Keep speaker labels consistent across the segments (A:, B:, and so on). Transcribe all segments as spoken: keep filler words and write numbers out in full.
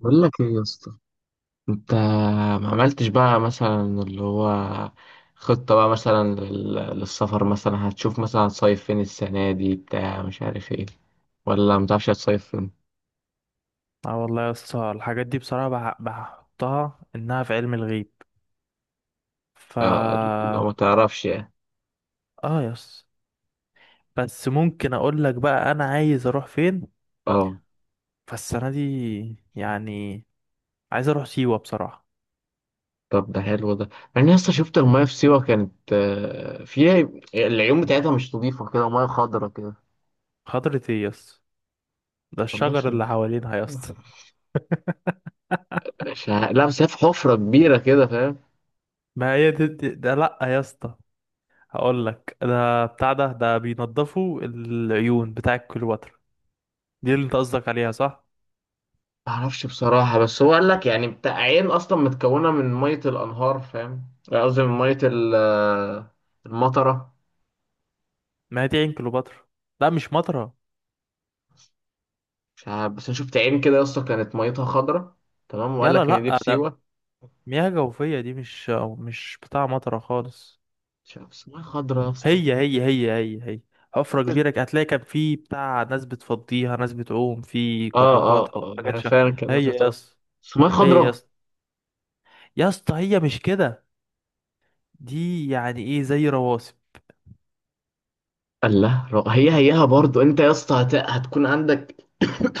A: بقول لك ايه يا اسطى. انت ما عملتش بقى مثلا اللي هو خطة بقى مثلا لل- للسفر مثلا، هتشوف مثلا هتصيف فين السنة دي بتاع، مش عارف ايه، ولا متعرفش هتصيف فين؟
B: اه والله يا اسطى، الحاجات دي بصراحة بح- بحطها انها في علم الغيب. ف
A: آه، لو ما تعرفش يعني.
B: اه يا اسطى، بس ممكن اقول لك بقى انا عايز اروح فين
A: اه.
B: فالسنة دي. يعني عايز اروح سيوة بصراحة.
A: طب ده حلو ده. يعني يا اسطى شفت المايه في سيوة، كانت آه، فيها العيون بتاعتها مش نظيفة كده، مياه خضرا كده.
B: خضرة ايه يا اسطى؟ ده
A: والله
B: الشجر
A: شايف.
B: اللي حوالينها يا اسطى.
A: لا بس هي في حفرة كبيرة كده، فاهم؟
B: ما هي دي دي- ده، لا يا اسطى. هقول لك ده بتاع ده ده بينضفوا العيون بتاع كليوباترا. دي اللي انت قصدك عليها، صح؟
A: معرفش بصراحة، بس هو قال لك يعني بتاع عين أصلا متكونة من مية الأنهار، فاهم؟ يعني قصدي من مية ال- آه، المطرة.
B: ما هي دي عين كليوباترا. لا مش مطرة.
A: مش عارف، بس أنا شفت عين كده يا اسطى كانت ميتها خضرة. تمام، وقال
B: يلا
A: لك إن دي في
B: لا،
A: سيوة.
B: مياه جوفية دي، مش مش بتاع مطرة خالص.
A: مش عارف، بس مية خضرة يا اسطى.
B: هي هي هي هي هي حفرة كبيرة كده. هتلاقي كان في بتاع ناس بتفضيها، ناس بتعوم في
A: اه
B: كراكات
A: اه اه
B: أو حاجات
A: أنا
B: شا...
A: فعلا كان
B: هي
A: نزلت.
B: يا
A: اه،
B: اسطى،
A: بس مية
B: هي يا
A: خضرة.
B: اسطى، يا اسطى هي مش كده. دي يعني ايه زي رواسب.
A: قال لا. رو- هي هيها برضو. أنت يا اسطى هت... هتكون عندك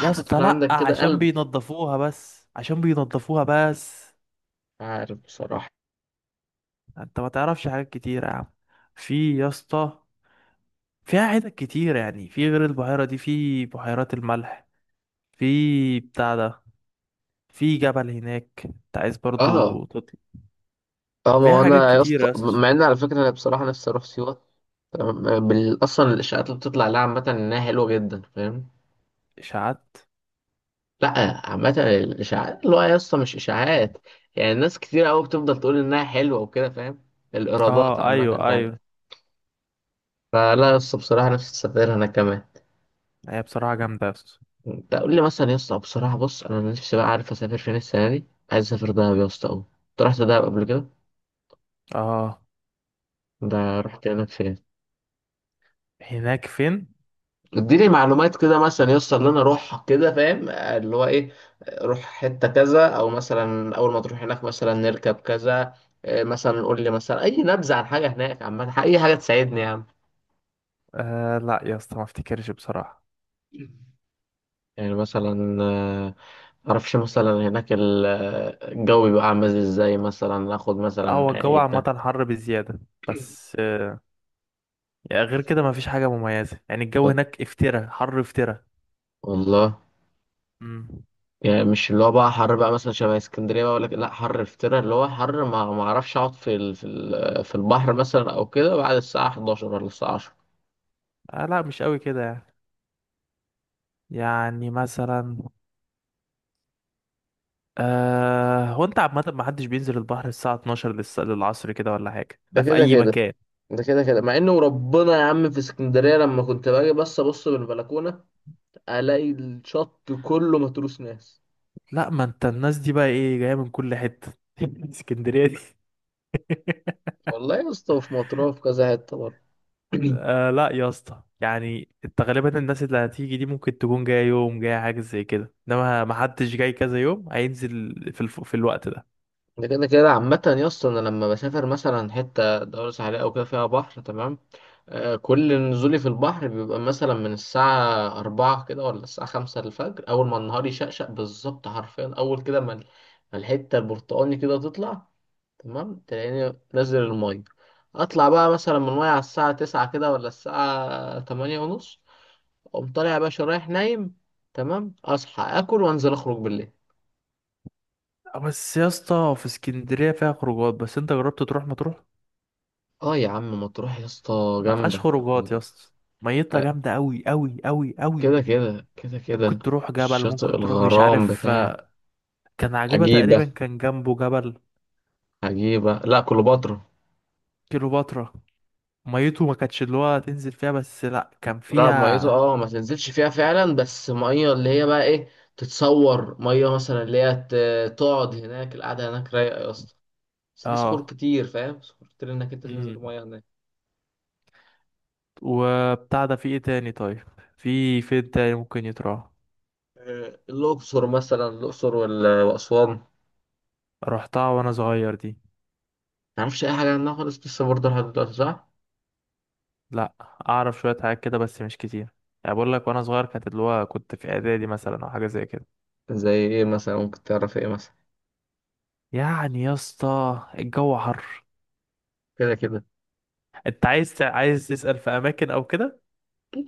B: يا اسطى
A: هتكون
B: لأ،
A: عندك كده
B: عشان
A: قلب.
B: بينضفوها، بس عشان بينضفوها بس.
A: مش عارف بصراحة.
B: انت ما تعرفش حاجات كتيرة يا عم. في يا اسطى، فيها حتت كتيرة، يعني في غير البحيرة دي في بحيرات الملح، في بتاع ده، في جبل هناك انت عايز
A: اه.
B: برضو تطلع.
A: اه، ما
B: فيها
A: هو
B: حاجات
A: انا يا
B: كتيرة
A: اسطى،
B: يا اسطى.
A: مع ان على فكره انا بصراحه نفسي اروح سيوه. تمام. آه، بال- اصلا الاشاعات اللي بتطلع لها عامه انها حلوه جدا، فاهم؟
B: اشاعات؟
A: لا، عامه الاشاعات اللي هو يا اسطى مش اشاعات. يعني ناس كتير قوي بتفضل تقول انها حلوه وكده، فاهم؟ الايرادات
B: اه ايوه
A: عامه يعني.
B: ايوه.
A: فلا يا اسطى، بصراحه نفسي اسافر انا كمان.
B: هي بصراحة جامدة يا اسطى.
A: انت قول لي مثلا يا اسطى، بصراحه بص، انا نفسي بقى عارف اسافر فين السنه دي. عايز اسافر دهب يا اسطى قوي. انت رحت دهب قبل كده؟
B: اه.
A: ده رحت هناك فين؟
B: هناك فين؟
A: اديني معلومات كده مثلا يسطا اللي انا اروح كده، فاهم؟ آه، اللي هو ايه، آه، روح حته كذا، او مثلا اول ما تروح هناك مثلا نركب كذا. آه، مثلا قول لي مثلا اي نبذه عن حاجه هناك عامه، اي حاجه تساعدني يا عم.
B: آه لا يا اسطى، ما افتكرش بصراحة.
A: يعني مثلا آه، معرفش مثلا هناك ال- آه، الجو بيبقى عامل ازاي، مثلا اخد مثلا
B: لا هو
A: معايا
B: الجو
A: ايه بتاع.
B: عامة حر بزيادة، بس آه يعني غير كده ما فيش حاجة مميزة، يعني الجو هناك افترا حر افترا.
A: والله،
B: امم
A: يعني مش اللي هو بقى حر بقى مثلا شبه اسكندريه بقى، ولا كده؟ لا حر افترا، اللي هو حر ما ما اعرفش اقعد في ال... في ال... في البحر مثلا او كده بعد الساعه حداشر ولا الساعه عشرة.
B: آه لا مش قوي كده يعني. يعني مثلا آه هو انت عامة ما حدش بينزل البحر الساعة الاتناشر للس- للعصر كده ولا حاجة،
A: ده
B: ده في
A: كده
B: أي
A: كده.
B: مكان.
A: ده كده كده، مع انه وربنا يا عم في اسكندريه لما كنت باجي، بس ابص من البلكونه الاقي الشط كله متروس ناس.
B: لا ما انت الناس دي بقى ايه جايه من كل حته. اسكندريه دي.
A: والله يا اسطى في مطروح، في كذا حته برضه.
B: آه لا يا اسطى، يعني انت غالبا الناس اللي هتيجي دي ممكن تكون جايه يوم، جايه حاجه زي كده، انما ما حدش جاي كذا يوم هينزل في الف... في الوقت ده.
A: ده كده كده. عامه يا اسطى انا لما بسافر مثلا حته دوله ساحليه او كده فيها بحر، تمام، آه، كل نزولي في البحر بيبقى مثلا من الساعة أربعة كده ولا الساعة خمسة الفجر، أول ما النهار يشقشق بالظبط، حرفيا أول كده ما ال- ما الحتة البرتقاني كده تطلع، تمام تلاقيني نازل المية. أطلع بقى مثلا من المية على الساعة تسعة كده ولا الساعة تمانية ونص. أقوم طالع يا باشا رايح نايم. تمام، أصحى آكل وأنزل أخرج بالليل.
B: آه، بس يا اسطى، في اسكندريه فيها خروجات، بس انت جربت تروح ما تروح.
A: آه يا عم مطروح يا اسطى
B: ما فيهاش
A: جامدة.
B: خروجات يا اسطى. ميتها
A: آه،
B: جامده قوي قوي قوي قوي.
A: كده كده كده كده.
B: ممكن تروح جبل،
A: شاطئ
B: ممكن تروح مش
A: الغرام
B: عارف.
A: بتاع.
B: آه، كان عجيبه
A: عجيب.
B: تقريبا كان جنبه جبل.
A: عجيبة؟ لا، كليوباترا.
B: كيلوباترا، ميته ما كانتش اللي هو تنزل فيها، بس لا كان
A: لا، ميته
B: فيها.
A: اه ما تنزلش فيها فعلا، بس ميه اللي هي بقى ايه، تتصور ميه مثلا اللي هي ت- تقعد هناك، القعدة هناك رايقة يا اسطى، بس في صخور
B: اه.
A: كتير فاهم، صخور كتير انك انت تنزل
B: امم
A: ميه هناك.
B: وبتاع ده، في ايه تاني طيب؟ في فين تاني ممكن يتراح؟
A: آه، الأقصر مثلا، الأقصر وال- وأسوان ما
B: رحتها وانا صغير دي.
A: تعرفش أي حاجة عنها خالص لسه برضه لحد دلوقتي، صح؟
B: لا، اعرف شوية حاجات كده بس مش كتير. يعني بقول لك وانا صغير كانت اللي هو كنت في اعدادي مثلا او حاجة زي كده.
A: زي إيه مثلا؟ ممكن تعرف إيه مثلا؟
B: يعني يا اسطى الجو حر.
A: كده كده.
B: انت عايز تع- عايز تسأل في اماكن او كده؟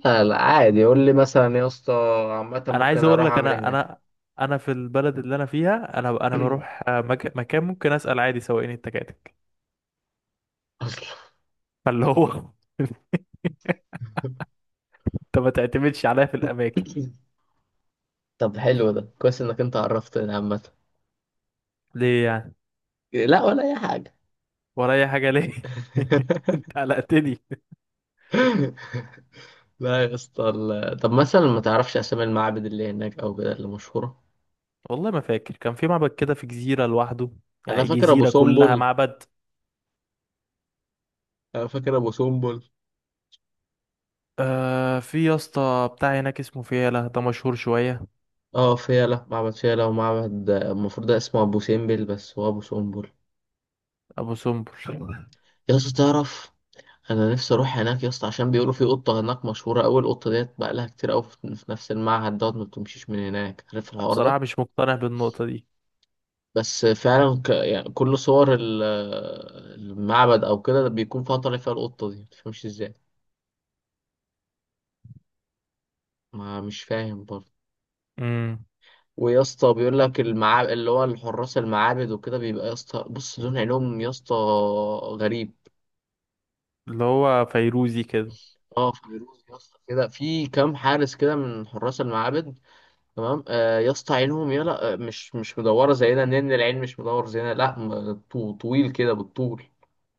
A: لا لا عادي، قول لي مثلا يا اسطى، عامة
B: انا عايز
A: ممكن
B: اقول
A: أروح
B: لك،
A: أعمل إيه
B: انا
A: هناك؟
B: انا انا في البلد اللي انا فيها، انا انا بروح آه، مك... مكان ممكن اسأل عادي سواقين التكاتك.
A: أصلا.
B: فاللي هو انت ما تعتمدش عليا في الاماكن.
A: طب حلو ده، كويس انك انت عرفتني عامة.
B: ليه يعني؟
A: لا ولا اي حاجة.
B: ورايا حاجه ليه؟ انت قلقتني.
A: لا يا اسطى ال- طب مثلا ما تعرفش اسامي المعابد اللي هناك او كده اللي مشهورة؟
B: والله ما فاكر، كان في معبد كده في جزيره لوحده،
A: انا
B: يعني
A: فاكر ابو
B: جزيره كلها
A: سمبل.
B: معبد.
A: انا فاكر ابو سمبل.
B: آه في يا اسطى بتاع هناك اسمه فيلة، ده مشهور شويه.
A: اه فيلة، معبد فيلة، ومعبد المفروض ده اسمه ابو سمبل، بس هو ابو سمبل.
B: ابو سمبل.
A: يا اسطى تعرف، انا نفسي اروح هناك يا اسطى، عشان بيقولوا في قطة هناك مشهورة اوي، القطة ديت بقى لها كتير اوي في في نفس المعهد دوت، ما بتمشيش من هناك، عارف الحوار
B: بصراحه
A: ده؟
B: مش مقتنع بالنقطه دي.
A: بس فعلا ك... يعني كل صور ال- المعبد او كده بيكون فيها طالع فيها القطه دي، متفهمش ازاي. ما مش فاهم برضه.
B: امم
A: ويا اسطى بيقول لك المعابد اللي هو الحراس المعابد وكده بيبقى يا اسطى بص لون عينهم يا اسطى غريب.
B: اللي هو فيروزي كده.
A: اه فيروز يا اسطى، كده في كام حارس كده من حراس المعابد، تمام، آه يا اسطى عينهم يلا آه، مش مش مدوره زينا، لان العين مش مدور زينا، لا م- طو- طويل كده بالطول.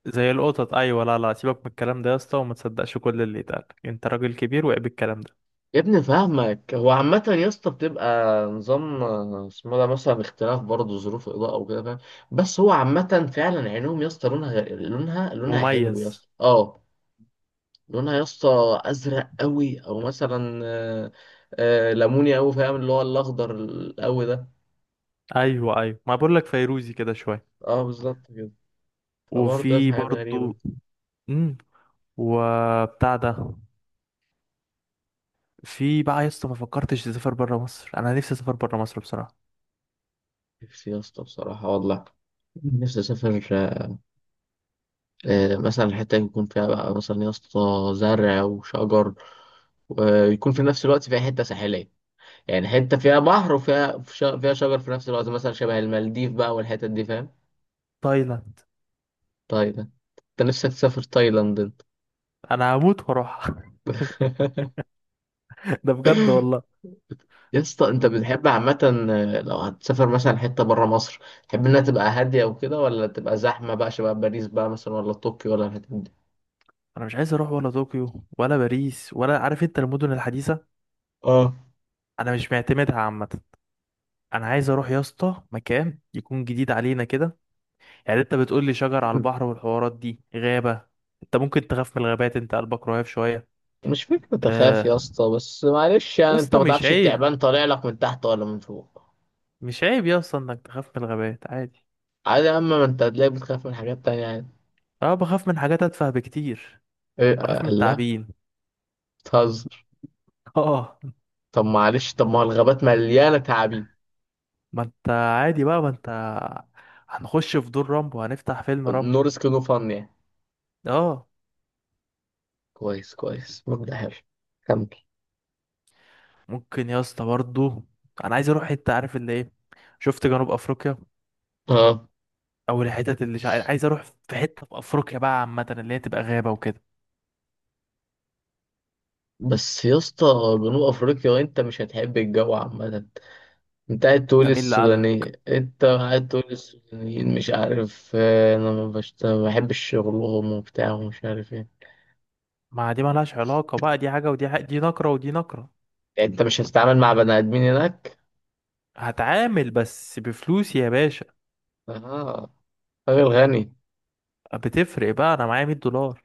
B: زي القطط، ايوه. لا لا، سيبك من الكلام ده يا اسطى، وما تصدقش كل اللي يتقال. انت راجل كبير، وعيب الكلام ده.
A: يا ابني فاهمك، هو عامة يا اسطى بتبقى نظام آه، اسمه ده مثلا اختلاف برضه ظروف الإضاءة وكده، فاهم؟ بس هو عامة فعلا عينهم يا اسطى لونها غير- لونها لونها حلو يا
B: مميز.
A: اسطى اه. لونها يا اسطى أزرق قوي، أو مثلا آه، آه، ليموني قوي، فاهم اللي هو الأخضر القوي ده.
B: ايوه ايوه، ما بقول لك فيروزي كده شويه.
A: اه بالظبط كده. فبرضه
B: وفي
A: حاجات غريبة.
B: برضو. امم وبتاع ده، في بقى يا اسطى، ما فكرتش تسافر بره مصر؟ انا نفسي اسافر بره مصر بصراحه.
A: نفسي يا اسطى بصراحة والله، نفسي أسافر آه، مثلا الحتة يكون فيها بقى مثلا يا اسطى زرع وشجر، ويكون في نفس الوقت فيها حتة ساحلية، يعني حتة فيها بحر وفيها ش- فيها شجر في نفس الوقت، مثلا شبه المالديف بقى والحتت دي، فاهم؟
B: تايلاند.
A: تايلاند. انت نفسك تسافر تايلاند انت؟
B: انا هموت واروح. ده بجد والله.
A: يا اسطى انت بتحب عامة آه، لو هتسافر مثلا حتة برا مصر، تحب انها تبقى هادية وكده، ولا تبقى زحمة بقى شبه باريس بقى مثلا، ولا طوكيو، ولا الحتت دي؟
B: انا مش عايز اروح ولا طوكيو ولا باريس ولا، عارف انت، المدن الحديثه.
A: اه.
B: انا مش معتمدها عامه. انا عايز اروح يا اسطى مكان يكون جديد علينا كده. يعني انت بتقول لي شجر على البحر والحوارات دي، غابه. انت ممكن تخاف من الغابات، انت قلبك رهيف شويه.
A: مش فكرة أخاف
B: آه،
A: يا اسطى، بس معلش
B: يا
A: يعني أنت
B: اسطى
A: ما
B: مش
A: تعرفش
B: عيب،
A: التعبان طالع لك من تحت ولا من فوق.
B: مش عيب يا اسطى انك تخاف من الغابات، عادي.
A: عادي يا أما، ما أنت هتلاقيك بتخاف من حاجات تانية عادي.
B: اه، بخاف من حاجات اتفه بكتير.
A: إيه؟
B: بخاف من
A: الله،
B: التعابين.
A: بتهزر؟
B: اه.
A: طب معلش، طب ما هو الغابات مليانة تعابين.
B: ما انت عادي بقى، ما انت هنخش في دور رامبو، هنفتح فيلم
A: نو
B: رامبو.
A: ريسك نو فن يعني.
B: اه.
A: كويس كويس، مبدأ حلو، كمل.
B: ممكن يا اسطى برضه، انا عايز اروح حته، عارف اللي ايه، شفت جنوب افريقيا
A: اه
B: او الحتت اللي شع... عايز اروح في حته في افريقيا بقى عامه اللي هي تبقى غابه وكده.
A: بس يا اسطى جنوب افريقيا انت مش هتحب الجو عامة. انت قاعد تقول
B: ده مين اللي قال؟
A: السوداني، انت قاعد تقول السودانيين مش عارف آه، انا ما بشت- ما بحبش شغلهم وبتاع ومش عارف ايه.
B: ما دي مالهاش علاقه بقى، دي حاجه ودي حاجة، دي نقره ودي نقره.
A: انت مش هتتعامل مع بني ادمين هناك.
B: هتعامل بس بفلوسي يا باشا.
A: اه، راجل غني.
B: بتفرق بقى، انا معايا مية دولار.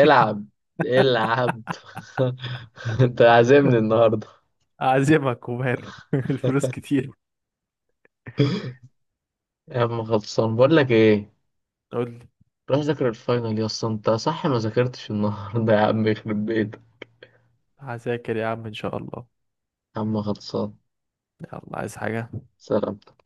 A: العب. انت عازمني النهارده.
B: أعزمك وماله. الفلوس كتير.
A: يا عم خلصان، بقول لك ايه،
B: قول لي.
A: روح ذاكر الفاينل يا اسطى انت، صح ما ذاكرتش النهارده يا عم يخرب بيتك.
B: هذاكر يا عم إن شاء الله.
A: يا عم خلصان.
B: يلا، عايز حاجة؟
A: سلام.